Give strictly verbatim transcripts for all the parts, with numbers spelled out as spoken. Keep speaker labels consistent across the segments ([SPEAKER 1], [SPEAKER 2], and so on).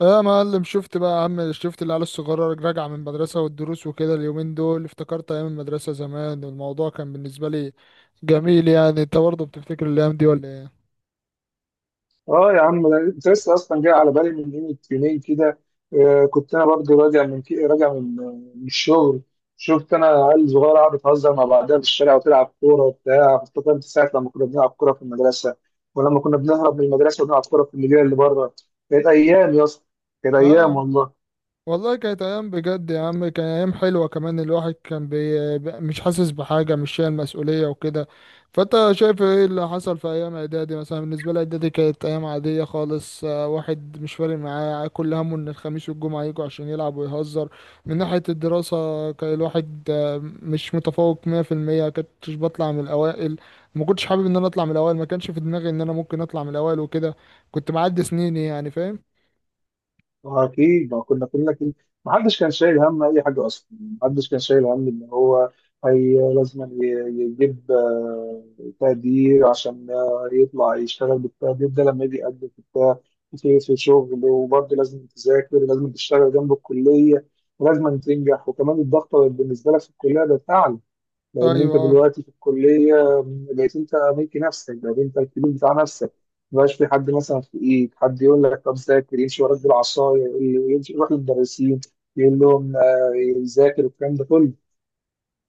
[SPEAKER 1] آه يا معلم شفت بقى يا عم شفت العيال الصغيرة راجعة من المدرسة والدروس وكده اليومين دول افتكرت أيام المدرسة زمان والموضوع كان بالنسبة لي جميل، يعني أنت برضه بتفتكر الأيام دي ولا إيه؟
[SPEAKER 2] اه يا عم، ده كنت لسه اصلا جاي على بالي من يوم يومين كده. آه، كنت انا برضه راجع من كي- راجع من من الشغل. شفت انا عيال صغيره قاعده بتهزر مع بعضها في الشارع وتلعب كوره وبتاع، افتكرت ساعه لما كنا بنلعب كوره في المدرسه ولما كنا بنهرب من المدرسه ونلعب كوره في المدينه اللي بره. كانت ايام يا اسطى، كانت ايام
[SPEAKER 1] آه
[SPEAKER 2] والله.
[SPEAKER 1] والله كانت ايام بجد يا عم، كان ايام حلوه كمان الواحد كان بي... ب- مش حاسس بحاجه مش شايل مسؤوليه وكده. فانت شايف ايه اللي حصل في ايام اعدادي؟ مثلا بالنسبه لي اعدادي كانت ايام عاديه خالص، آه، واحد مش فارق معاه، كل همه ان الخميس والجمعه يجوا عشان يلعب ويهزر. من ناحيه الدراسه كان الواحد آه، مش متفوق مية في المية، كنتش بطلع من الاوائل، ما كنتش حابب ان انا اطلع من الاوائل، ما كانش في دماغي ان انا ممكن اطلع من الاوائل وكده، كنت معدي سنيني يعني، فاهم؟
[SPEAKER 2] أكيد ما كنا كلنا كده، ما حدش كان شايل هم أي حاجة أصلا. ما حدش كان شايل هم إن هو هي لازم ي- يجيب آه، تقدير عشان آه، يطلع يشتغل بالتقدير ده لما يجي يقدم في بتاع، في في شغل. وبرضه لازم تذاكر، لازم تشتغل جنب الكلية، ولازم تنجح. وكمان الضغط بالنسبة لك في الكلية ده تعب، لان
[SPEAKER 1] ايوه
[SPEAKER 2] انت
[SPEAKER 1] آه.
[SPEAKER 2] دلوقتي في الكليه بقيت انت ملك نفسك، بقيت انت الكبير بتاع نفسك. مبقاش في حد مثلا في ايد حد يقول لك طب ذاكر، يمشي وراك بالعصايه، ي- يمشي يروح للمدرسين يقول لهم آه، ذاكر والكلام ده كله.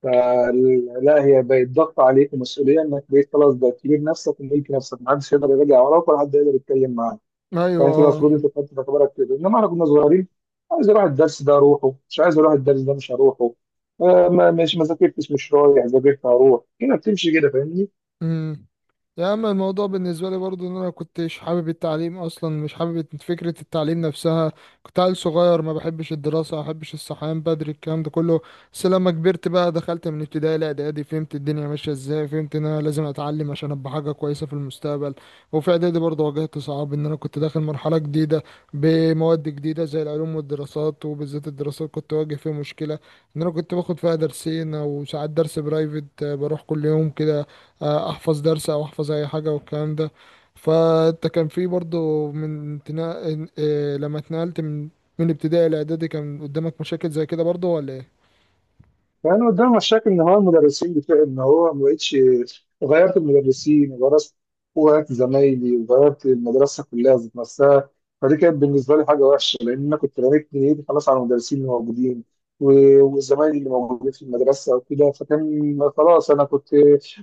[SPEAKER 2] فلا، هي بقت ضغط عليك ومسؤوليه، انك بقيت خلاص بقيت كبير نفسك وملك نفسك، محدش يقدر يراجع وراك ولا حد يقدر يتكلم معاك.
[SPEAKER 1] ايوه
[SPEAKER 2] فانت
[SPEAKER 1] آه.
[SPEAKER 2] المفروض انت كنت في اعتبارك كده، انما احنا كنا صغيرين، عايز اروح الدرس ده اروحه، مش عايز اروح الدرس ده مش هروحه. آه، ما مش ما ذاكرتش مش رايح، ذاكرت هروح، كده بتمشي كده، فاهمني.
[SPEAKER 1] امم. يا اما الموضوع بالنسبه لي برضو ان انا كنتش حابب التعليم اصلا، مش حابب فكره التعليم نفسها، كنت عيل صغير ما بحبش الدراسه ما بحبش الصحيان بدري الكلام ده كله. بس لما كبرت بقى دخلت من ابتدائي لاعدادي فهمت الدنيا ماشيه ازاي، فهمت ان انا لازم اتعلم عشان ابقى حاجه كويسه في المستقبل. وفي اعدادي برضو واجهت صعاب ان انا كنت داخل مرحله جديده بمواد جديده زي العلوم والدراسات، وبالذات الدراسات كنت واجه فيها مشكله ان انا كنت باخد فيها درسين او ساعات درس برايفت، آه، بروح كل يوم كده آه، احفظ درس او احفظ اي حاجه والكلام ده. فانت كان في برضو من تنا... آه، لما اتنقلت من من ابتدائي لاعدادي، كان قدامك مشاكل زي كده برضو ولا ايه؟
[SPEAKER 2] كان قدام مشاكل ان هو المدرسين بتاع، ان هو ما بقتش، غيرت المدرسين وغيرت وغيرت زمايلي وغيرت المدرسه كلها ذات نفسها. فدي كانت بالنسبه لي حاجه وحشه، لان انا كنت رميت نيتي خلاص على المدرسين اللي موجودين و- وزمايلي اللي موجودين في المدرسه وكده، فكان خلاص انا كنت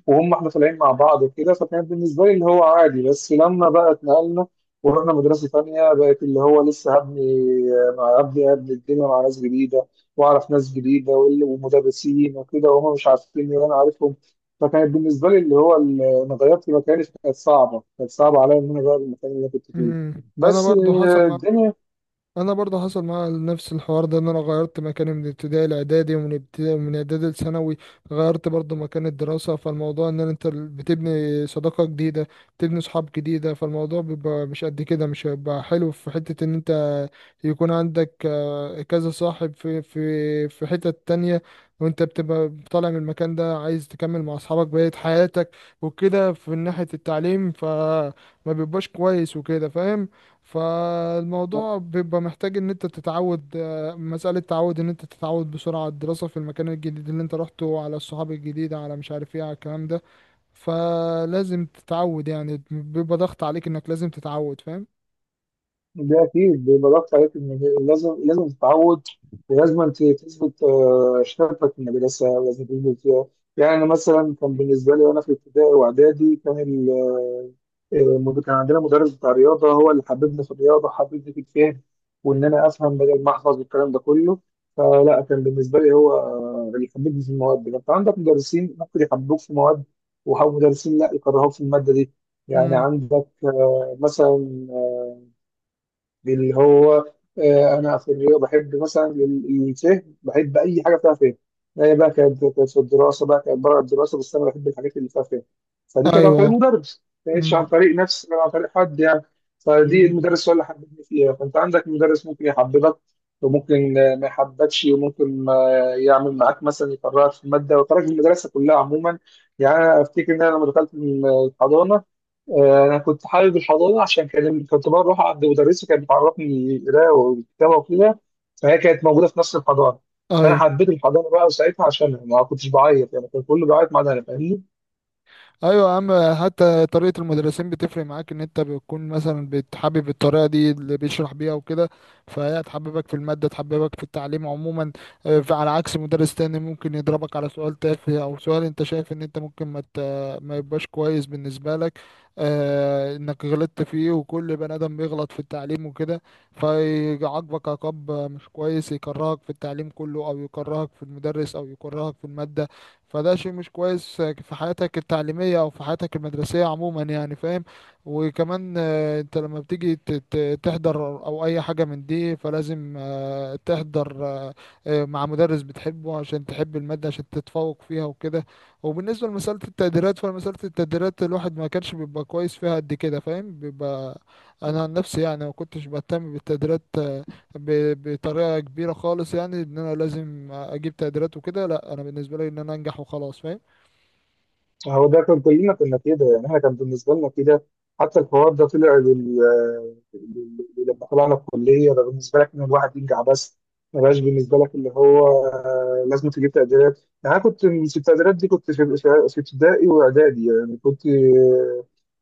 [SPEAKER 2] وهم احنا طالعين مع بعض وكده، فكان بالنسبه لي اللي هو عادي. بس لما بقى اتنقلنا ورحنا مدرسه ثانيه، بقت اللي هو لسه هبني، مع هبني هبني الدنيا مع ناس جديده، واعرف ناس جديده وال- ومدرسين وكده، وهم مش عارفين وانا عارفهم. فكانت بالنسبه لي اللي هو ال- انا غيرت مكاني، كانت صعبه كانت صعبه عليا ان انا اغير المكان اللي انا كنت فيه.
[SPEAKER 1] مم. انا
[SPEAKER 2] بس
[SPEAKER 1] برضو حصل
[SPEAKER 2] آه،
[SPEAKER 1] معايا.
[SPEAKER 2] الدنيا.
[SPEAKER 1] انا برضه حصل معايا نفس الحوار ده، ان انا غيرت مكاني من ابتدائي لاعدادي، ومن ابتدائي من اعدادي لثانوي غيرت برضه مكان الدراسه، فالموضوع ان انت بتبني صداقه جديده، بتبني صحاب جديده، فالموضوع بيبقى مش قد كده، مش هيبقى حلو في حته ان انت يكون عندك آه، كذا صاحب في في في حتة تانية، وانت بتبقى طالع من المكان ده عايز تكمل مع اصحابك بقية حياتك وكده، في ناحية التعليم فما بيبقاش كويس وكده، فاهم؟ فالموضوع بيبقى محتاج ان انت تتعود، آه، مسألة تعود، ان انت تتعود بسرعة على الدراسة في المكان الجديد اللي انت روحته، على الصحاب الجديدة، على مش عارف ايه، على الكلام ده. فلازم تتعود يعني، بيبقى ضغط عليك انك لازم تتعود، فاهم؟
[SPEAKER 2] ده اكيد بيبقى ضغط عليك ان لازم لازم تتعود، ولازم ت- تثبت آه، شغفك في المدرسه ولازم تثبت فيها. يعني انا مثلا كان بالنسبه لي وانا في ابتدائي واعدادي، كان مد- كان عندنا مدرس بتاع رياضة، هو اللي حببني في الرياضة، حببني في الفهم وإن أنا أفهم بدل ما أحفظ والكلام ده كله. فلا، كان بالنسبة لي هو اللي حببني في المواد دي. فأنت عندك مدرسين ممكن يحببوك في مواد، ومدرسين لا، يكرهوك في المادة دي. يعني
[SPEAKER 1] امم.
[SPEAKER 2] عندك آه، مثلا اللي هو آه، انا في الرياضه بحب مثلا ال- الفهم، بحب اي حاجه فيها فهم. هي بقى كانت كانت في الدراسه، بقى كانت بره الدراسه، بس انا بحب الحاجات اللي فيها فهم. فدي كانت عن طريق
[SPEAKER 1] ايوه.
[SPEAKER 2] مدرس، ما كانتش عن
[SPEAKER 1] امم.
[SPEAKER 2] طريق نفس ولا عن طريق حد يعني. فدي
[SPEAKER 1] امم.
[SPEAKER 2] المدرس هو اللي حببني فيها. فانت عندك مدرس ممكن يحببك، وممكن آه، ما يحببكش، وممكن آه، يعمل معاك مثلا يكرهك في الماده ويكرهك في المدرسه كلها عموما. يعني انا افتكر ان انا لما دخلت الحضانه، آه، انا كنت حابب الحضانه عشان كان كنت بروح عند مدرسه كانت بتعرفني قراءه وكتابه وكده، فهي كانت موجوده في نفس الحضانه. فانا
[SPEAKER 1] ايوه.
[SPEAKER 2] حبيت الحضانه بقى ساعتها عشان ما كنتش بعيط، يعني كان كله بيعيط ما عدا انا، فاهمني.
[SPEAKER 1] ايوه يا عم. حتى طريقه المدرسين بتفرق معاك، ان انت بتكون مثلا بتحبب الطريقه دي اللي بيشرح بيها وكده، فهي تحببك في الماده تحببك في التعليم عموما. آه، على عكس مدرس تاني ممكن يضربك على سؤال تافه او سؤال انت شايف ان انت ممكن ما ت- ما يبقاش كويس بالنسبه لك، آه، انك غلطت فيه، وكل بني ادم بيغلط في التعليم وكده، فيعاقبك عقاب مش كويس، يكرهك في التعليم كله، او يكرهك في المدرس، او يكرهك في الماده، فده شيء مش كويس في حياتك التعليمية أو في حياتك المدرسية عموما يعني، فاهم؟ وكمان آه، أنت لما بتيجي ت- ت- تحضر أو أي حاجة من دي، فلازم آه، تحضر آه، آه، مع مدرس بتحبه عشان تحب المادة عشان تتفوق فيها وكده. وبالنسبة لمسألة التقديرات، فمسألة التقديرات الواحد ما كانش بيبقى كويس فيها قد كده، فاهم؟ بيبقى أنا عن نفسي يعني ما كنتش بهتم بالتقديرات ب- بطريقه كبيره خالص، يعني ان انا لازم اجيب تقديرات وكده، لا، انا بالنسبه لي ان انا انجح وخلاص، فاهم؟
[SPEAKER 2] هو ده كان كلنا كنا كده، يعني احنا كان بالنسبه لنا كده. حتى الحوار ده طلع لل... لل- لما طلعنا الكليه، ده بالنسبه لك ان الواحد ينجح بس، ما بقاش بالنسبه لك اللي هو آه، لازم تجيب تقديرات. يعني انا كنت في التقديرات دي، كنت في في في ابتدائي واعدادي، يعني كنت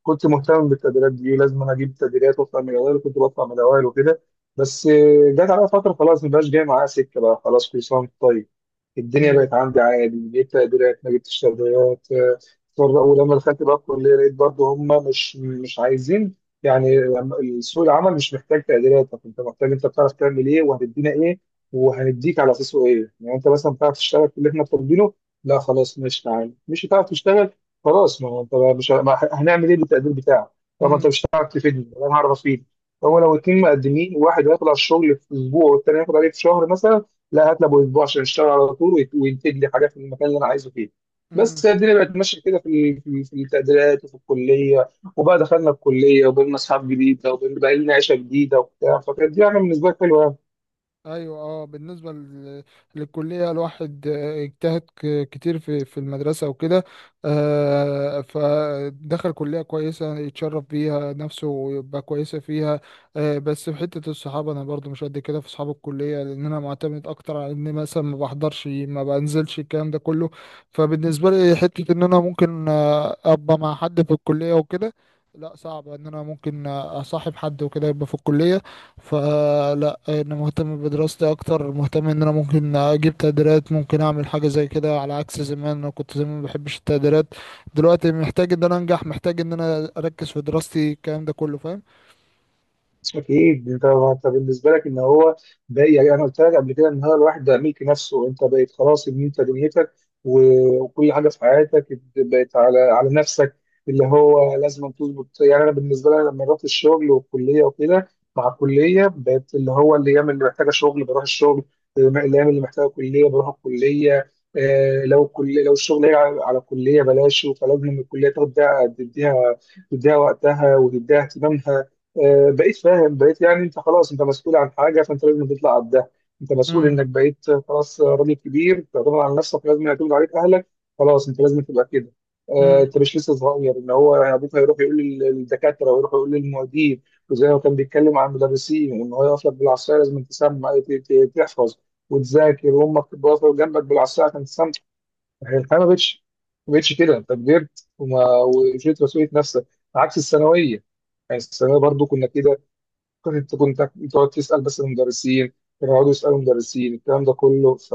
[SPEAKER 2] كنت مهتم بالتقديرات دي، لازم انا اجيب تقديرات واطلع من الاوائل، وكنت بطلع من الاوائل وكده. بس آه، جت على فتره خلاص، ما بقاش جاي معايا سكه بقى. خلاص، كل سنه وانت طيب، الدنيا بقت عندي عادي، جبت تقديرات ما جبتش تقديرات. فر- ولما دخلت بقى الكليه لقيت برضه هم مش مش عايزين. يعني لما- سوق العمل مش محتاج تقديراتك، انت محتاج انت بتعرف تعمل ايه وهتدينا ايه وهنديك على اساسه ايه. يعني انت مثلا بتعرف تشتغل في اللي احنا طالبينه؟ لا، خلاص ماشي. تعالى مش هتعرف تشتغل؟ خلاص، ما هو انت بقى مش ه- ما ه- هنعمل ايه بالتقدير بتاعك؟ طب ما انت
[SPEAKER 1] امم.
[SPEAKER 2] مش هتعرف تفيدني ولا انا هعرف افيدك. هو لو
[SPEAKER 1] امم.
[SPEAKER 2] اتنين مقدمين، واحد هياخد على الشغل في اسبوع والتاني هياخد عليه في شهر مثلا، لا، هات له أبو اسبوع عشان يشتغل على طول ويت- وينتج لي حاجه في المكان اللي انا عايزه فيه.
[SPEAKER 1] امم.
[SPEAKER 2] بس هي الدنيا بقت ماشيه كده في ال- في ال- في التقديرات وفي الكليه. وبقى دخلنا الكليه، وبقينا اصحاب جديده، وبقينا بقى لنا عيشه جديده وبتاع، فكانت دي يعني بالنسبه لي حلوه.
[SPEAKER 1] ايوه اه. بالنسبه لل- للكليه الواحد آه، اجتهد ك- كتير في في المدرسه وكده، آه، فدخل كليه كويسه يتشرف بيها نفسه ويبقى كويسه فيها. آه، بس في حته الصحاب انا برضو مش قد كده في اصحاب الكليه، لان انا معتمد اكتر على اني مثلا ما بحضرش ما بنزلش الكلام ده كله، فبالنسبه لي حته ان انا ممكن آه، ابقى مع حد في الكليه وكده، لا صعب ان انا ممكن آه، اصاحب حد وكده يبقى في الكليه. فلا انا مهتم بدراستي اكتر، مهتم ان انا ممكن اجيب تقديرات ممكن اعمل حاجه زي كده، على عكس زمان، انا كنت زمان ما بحبش التقديرات، دلوقتي محتاج ان انا انجح محتاج ان انا اركز في دراستي الكلام ده كله، فاهم؟
[SPEAKER 2] اكيد انت انت بالنسبه لك ان هو بقى، يعني انا قلت لك قبل كده ان هو الواحد ده ملك نفسه، انت بقيت خلاص ان انت دنيتك و- وكل حاجه في حياتك بقت على على نفسك، اللي هو لازم تظبط. يعني انا بالنسبه لي لما رحت الشغل والكليه وكده، مع الكليه بقت اللي هو الايام اللي محتاجه شغل بروح الشغل، الايام اللي محتاجه كليه بروح الكليه. آه، لو كل لو الشغل هي على على الكليه بلاش، فلازم الكليه تاخد، ده تديها تديها وقتها وتديها اهتمامها. آه، بقيت فاهم، بقيت يعني انت خلاص انت مسؤول عن حاجه، فانت لازم تطلع قدها. انت مسؤول انك بقيت خلاص راجل كبير تعتمد على نفسك، لازم يعتمد عليك اهلك، خلاص انت لازم تبقى كده. آه،
[SPEAKER 1] امم.
[SPEAKER 2] انت مش لسه صغير ان هو يعني ابوك هيروح يقول لل- للدكاتره ويروح يقول للمعيدين، وزي ما كان بيتكلم عن المدرسين وان هو يقف لك بالعصايه لازم تسمع ت- ت- تحفظ وتذاكر، وامك تبقى واقفه جنبك بالعصايه عشان تسمع. الحياه ما بقتش، ما بقتش كده، انت كبرت وما وشلت مسؤوليه نفسك. عكس الثانويه، يعني الثانويه برضو كنا كده، كنت انت كنت تقعد تسال بس المدرسين، كانوا يقعدوا يسالوا المدرسين الكلام ده كله. ف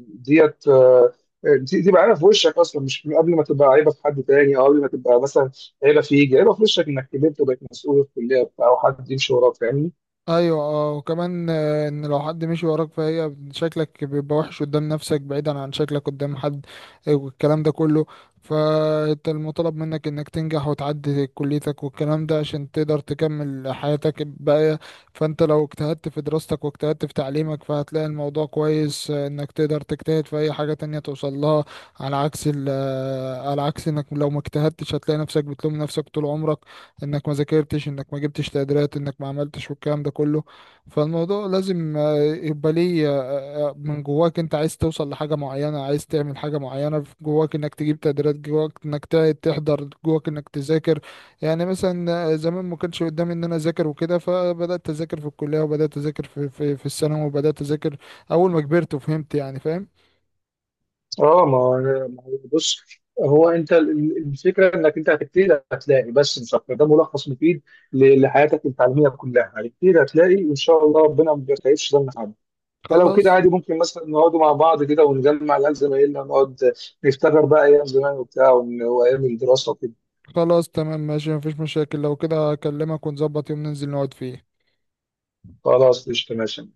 [SPEAKER 2] ديت آه، دي دي بقى عيبه في وشك اصلا، مش من قبل ما تبقى عيبه في حد تاني، او قبل ما تبقى مثلا عيبه فيك، عيبه في وشك انك كبرت وبقيت مسؤول في الكليه وبتاع وحد يمشي وراك، فاهمني.
[SPEAKER 1] ايوه اه. وكمان آه، ان لو حد مشي وراك فهي شكلك بيبقى وحش قدام نفسك بعيدا عن شكلك قدام حد، آه، والكلام ده كله. فانت المطالب منك انك تنجح وتعدي كليتك والكلام ده عشان تقدر تكمل حياتك الباقية. فانت لو اجتهدت في دراستك واجتهدت في تعليمك فهتلاقي الموضوع كويس، آه، انك تقدر تجتهد في اي حاجة تانية توصل لها، على عكس ال- آه، على عكس انك لو ما اجتهدتش هتلاقي نفسك بتلوم نفسك طول عمرك، انك ما ذاكرتش، انك ما جبتش تقديرات، انك ما عملتش والكلام ده كله. فالموضوع لازم آه، يبقى ليه آه، من جواك، انت عايز توصل لحاجة معينة، عايز تعمل حاجة معينة في جواك انك تجيب تقديرات، جواك انك ت- تحضر، جواك انك تذاكر. يعني مثلا آه، زمان ما كانش قدامي ان انا اذاكر وكده، فبدأت اذاكر في الكلية، وبدأت اذاكر في في, في الثانوي، وبدأت اذاكر اول ما كبرت وفهمت يعني، فاهم؟
[SPEAKER 2] اه ما هو، ما هو بص، هو انت ال- ال- الفكره انك انت هتبتدي هتلاقي، بس مش اكتر، ده ملخص مفيد ل- لحياتك التعليميه كلها، هتبتدي هتلاقي، وان شاء الله ربنا ما بيخيبش ظن حد. فلو كده
[SPEAKER 1] خلاص.
[SPEAKER 2] عادي، ممكن مثلا نقعدوا مع بعض كده ونجمع العيال زمايلنا ونقعد نفتكر بقى ايام زمان وبتاع ون- وايام الدراسه وكده.
[SPEAKER 1] خلاص تمام ماشي، مفيش مشاكل، لو كده اكلمك ونظبط يوم ننزل نقعد فيه.
[SPEAKER 2] خلاص، قشطه، ماشي.